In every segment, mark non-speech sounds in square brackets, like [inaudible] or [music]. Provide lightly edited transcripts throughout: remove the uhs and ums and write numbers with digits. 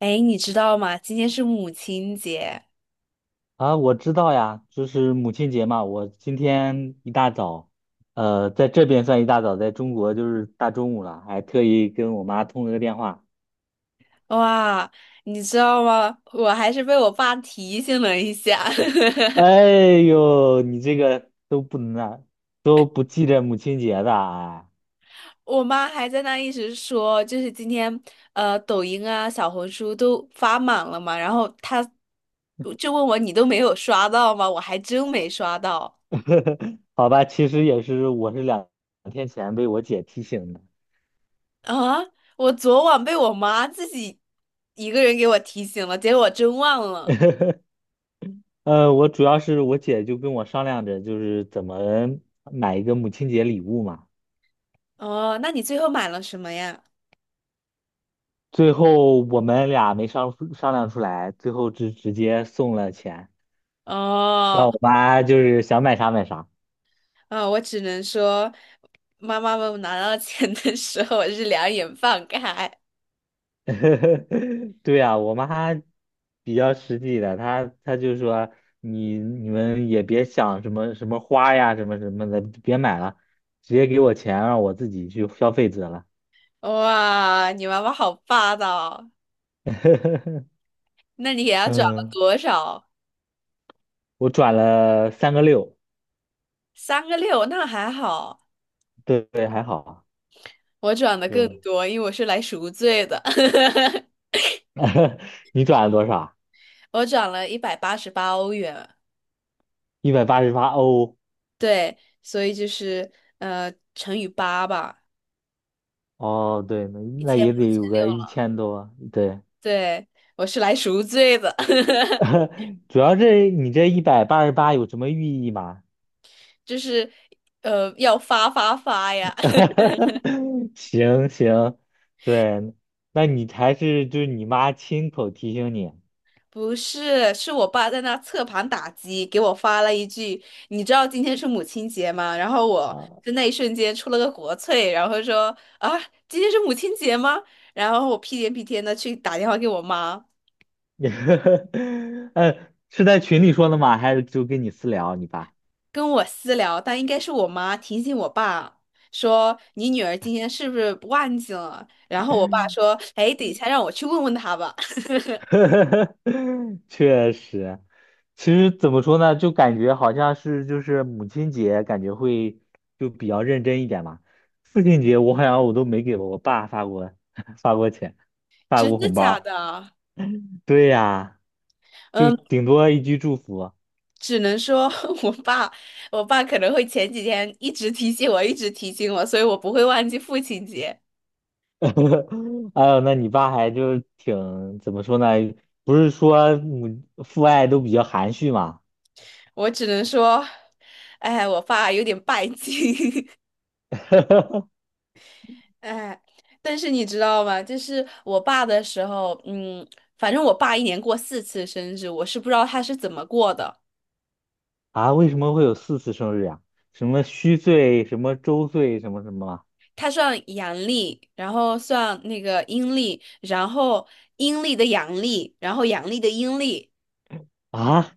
哎，你知道吗？今天是母亲节。啊，我知道呀，就是母亲节嘛。我今天一大早，在这边算一大早，在中国就是大中午了，还特意跟我妈通了个电话。哇，你知道吗？我还是被我爸提醒了一下。哎呦，你这个都不能啊，都不记着母亲节的啊？[laughs] 我妈还在那一直说，就是今天抖音啊、小红书都发满了嘛，然后她就问我你都没有刷到吗？我还真没刷到 [laughs] 好吧，其实也是，我是两天前被我姐提醒的。啊。我昨晚被我妈自己一个人给我提醒了，结果我真忘了。[laughs] 我主要是我姐就跟我商量着，就是怎么买一个母亲节礼物嘛。哦，那你最后买了什么呀？最后我们俩没商量出来，最后直接送了钱，让哦。我妈就是想买啥买啥。啊，我只能说，妈妈们拿到钱的时候，我是两眼放开。[laughs] 对啊，我妈比较实际的，她就说你们也别想什么什么花呀什么什么的，别买了，直接给我钱让我自己去消费得了。哇，你妈妈好霸道！[laughs] 那你给她转了嗯，多少？我转了三个六，三个六，那还好。对对，还好啊，我转的更就 多，因为我是来赎罪的。[laughs] [laughs] 你转了多少？我转了188欧元。一百八十八哦。对，所以就是乘以八吧，哦，对，那一那千五也得有千六个一了。千多，对，对，我是来赎罪的。[laughs] 主要是你这188有什么寓意吗？[laughs] 就是要发发发呀。[laughs] 行行，对，那你还是就是你妈亲口提醒你不是，是我爸在那侧盘打击，给我发了一句：“你知道今天是母亲节吗？”然后我啊，在那一瞬间出了个国粹，然后说：“啊，今天是母亲节吗？”然后我屁颠屁颠的去打电话给我妈。[laughs] 呃，是在群里说的吗？还是就跟你私聊你爸？跟我私聊，但应该是我妈提醒我爸说：“你女儿今天是不是忘记了？”然后我爸 [laughs] 说：“哎，等一下让我去问问她吧。[laughs]” [laughs] 确实，其实怎么说呢，就感觉好像是就是母亲节，感觉会就比较认真一点嘛。父亲节我好像我都没给我爸发过 [laughs] 发过钱，发真过的红假包的？对呀，就嗯。顶多一句祝福。只能说， [laughs] 我爸，我爸可能会前几天一直提醒我，一直提醒我，所以我不会忘记父亲节。[laughs] 哎呦，那你爸还就是挺怎么说呢？不是说母父爱都比较含蓄嘛？我只能说，哎，我爸有点拜金。[laughs] [laughs] 哎，但是你知道吗？就是我爸的时候，反正我爸一年过4次生日，我是不知道他是怎么过的。啊，为什么会有4次生日呀？什么虚岁，什么周岁，什么什么？他算阳历，然后算那个阴历，然后阴历的阳历，然后阳历的阴历，啊，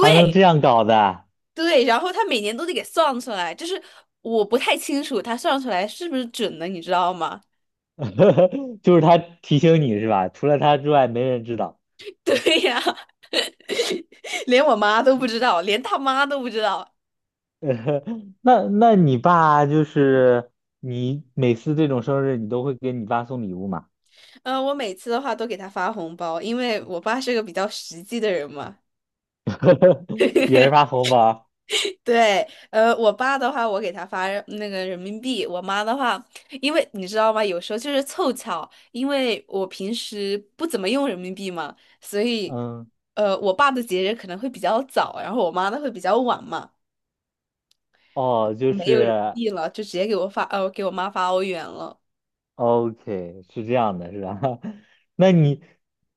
还能这样搞的？对，然后他每年都得给算出来，就是我不太清楚他算出来是不是准的，你知道吗？[laughs] 就是他提醒你是吧？除了他之外，没人知道。[laughs] 对呀。[laughs] 连我妈都不知道，连他妈都不知道。[laughs] 那那你爸就是你每次这种生日，你都会给你爸送礼物吗？嗯、我每次的话都给他发红包，因为我爸是个比较实际的人嘛。[laughs] 也是发红包？对，我爸的话，我给他发那个人民币；我妈的话，因为你知道吗？有时候就是凑巧，因为我平时不怎么用人民币嘛，所以，嗯，呃，我爸的节日可能会比较早，然后我妈的会比较晚嘛。哦，就没有人民是 币了，就直接给我妈发欧元了。OK，是这样的，是吧？[laughs] 那你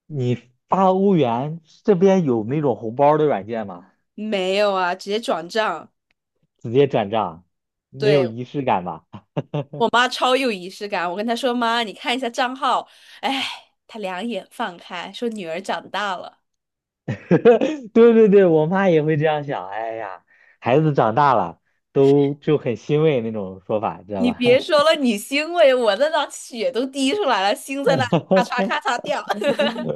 你发欧元这边有那种红包的软件吗？没有啊，直接转账。直接转账，没有对，仪式感吧？我妈超有仪式感，我跟她说：“妈，你看一下账号。”哎，她两眼放开，说：“女儿长大了。” [laughs] 对对对，我妈也会这样想。哎呀，孩子长大了，都就很欣慰那种说法，知道你吧？别说了，你欣慰，我那张血都滴出来了，心在那里咔嚓 [laughs] 咔嚓掉。[laughs]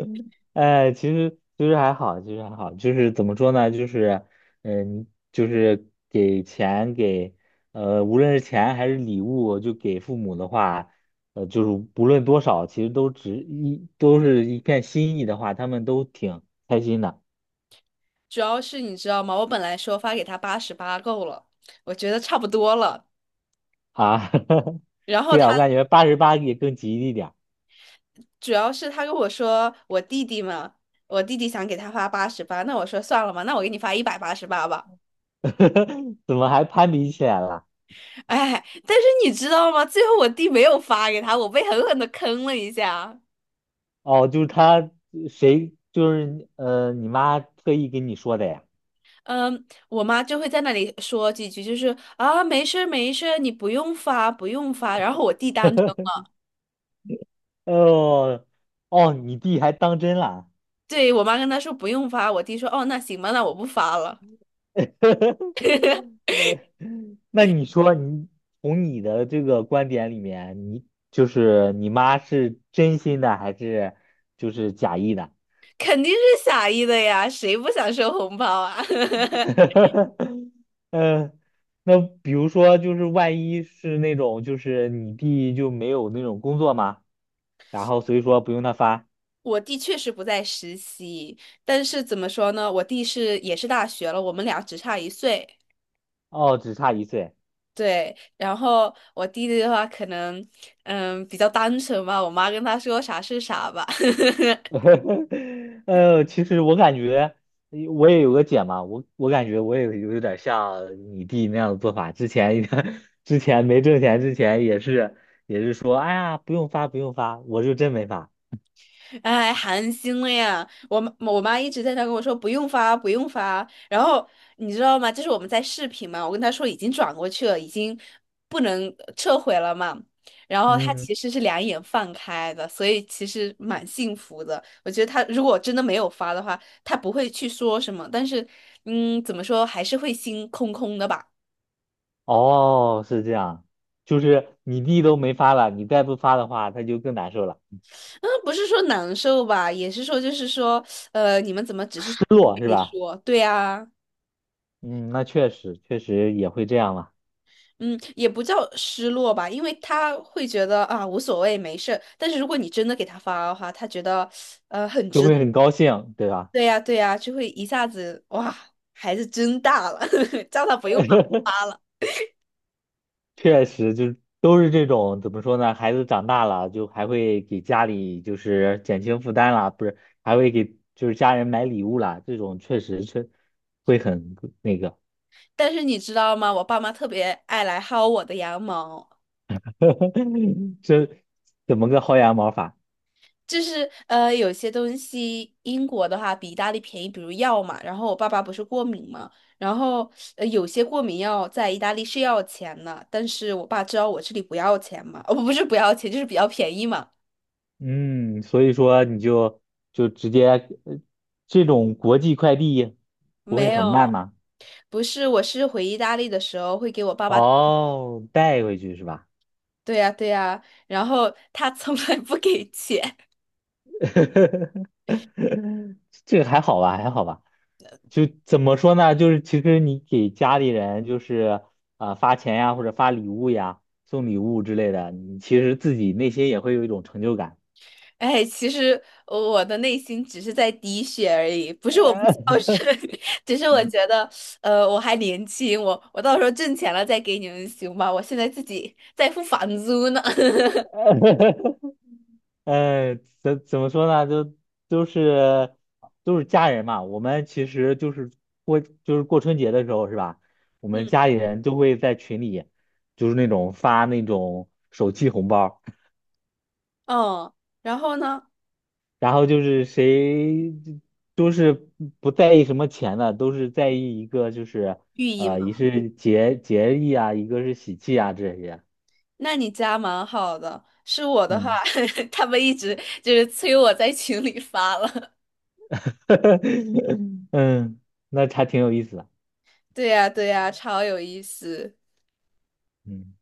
哎，其实还好，其实还好，就是怎么说呢？就是嗯，就是给钱给呃，无论是钱还是礼物，就给父母的话，呃，就是不论多少，其实都是一片心意的话，他们都挺开心的主要是你知道吗？我本来说发给她八十八够了，我觉得差不多了。啊。[laughs] 然后对啊，我感觉八十八也更吉利点儿。主要是他跟我说我弟弟嘛，我弟弟想给他发八十八，那我说算了吧，那我给你发一百八十八吧。[laughs] 怎么还攀比起来了？哎，但是你知道吗？最后我弟没有发给他，我被狠狠的坑了一下。哦，就是他谁你妈特意跟你说的呀？嗯，我妈就会在那里说几句，就是啊，没事儿没事儿你不用发不用发。然后我弟当真了。[laughs] 哦哦，你弟还当真了？对，我妈跟他说不用发，我弟说哦那行吧，那我不发了。[laughs] 呃那你说你从你的这个观点里面，你就是你妈是真心的还是就是假意的？肯定是傻意的呀，谁不想收红包啊？[laughs] [laughs] 嗯，那比如说就是万一是那种就是你弟就没有那种工作吗？然后所以说不用他发，我弟确实不在实习，但是怎么说呢？我弟是也是大学了，我们俩只差1岁。哦，只差1岁。对，然后我弟弟的话可能，嗯，比较单纯吧。我妈跟他说啥是啥吧。[laughs] [laughs] 呃，其实我感觉我也有个姐嘛，我我感觉我也有点像你弟那样的做法。之前 [laughs] 之前没挣钱之前也是也是说，哎呀，不用发不用发，我就真没发。哎，寒心了呀！我妈一直在那跟我说不用发，不用发。然后你知道吗？就是我们在视频嘛，我跟她说已经转过去了，已经不能撤回了嘛。然后她嗯，其实是两眼放开的，所以其实蛮幸福的。我觉得她如果真的没有发的话，她不会去说什么，但是怎么说还是会心空空的吧。哦，是这样，就是你弟都没发了，你再不发的话，他就更难受了，嗯，不是说难受吧，也是说就是说，你们怎么只是嘴失落是里吧？说？对啊。嗯，那确实确实也会这样嘛，嗯，也不叫失落吧，因为他会觉得啊无所谓，没事。但是如果你真的给他发的话，他觉得就会很高兴，对吧？对呀对呀，就会一下子哇，孩子真大了，[laughs] 叫他不用 [laughs] 发发了。确实，就是都是这种怎么说呢？孩子长大了，就还会给家里就是减轻负担啦，不是，还会给就是家人买礼物啦。这种确实会很那个，但是你知道吗？我爸妈特别爱来薅我的羊毛，[laughs] 这怎么个薅羊毛法？就是有些东西英国的话比意大利便宜，比如药嘛。然后我爸爸不是过敏嘛，然后有些过敏药在意大利是要钱的，但是我爸知道我这里不要钱嘛。[laughs] 哦不是不要钱，就是比较便宜嘛。嗯，所以说你就直接呃这种国际快递不会没很慢有，吗？不是，我是回意大利的时候会给我爸爸。哦，带回去是吧？对呀对呀，然后他从来不给钱。[laughs] [laughs] 这个还好吧，还好吧。就怎么说呢？就是其实你给家里人就是啊、发钱呀，或者发礼物呀、送礼物之类的，你其实自己内心也会有一种成就感。哎，其实我的内心只是在滴血而已，不是我不孝呃 顺。[laughs] 只是我觉得，我还年轻，我到时候挣钱了再给你们行吧？我现在自己在付房租呢。[laughs] [laughs]，怎么说呢？就都是都是家人嘛。我们其实就是过春节的时候是吧？我们嗯。家里人都会在群里就是那种发那种手气红包。哦，然后呢？然后就是谁都是不在意什么钱的，都是在意一个就是寓意呃，嘛。一是节义啊，一个是喜气啊这些。那你家蛮好的。是我的话，嗯 [laughs] 他们一直就是催我在群里发了。[laughs] 嗯，那还挺有意思的。对呀对呀，超有意思。嗯。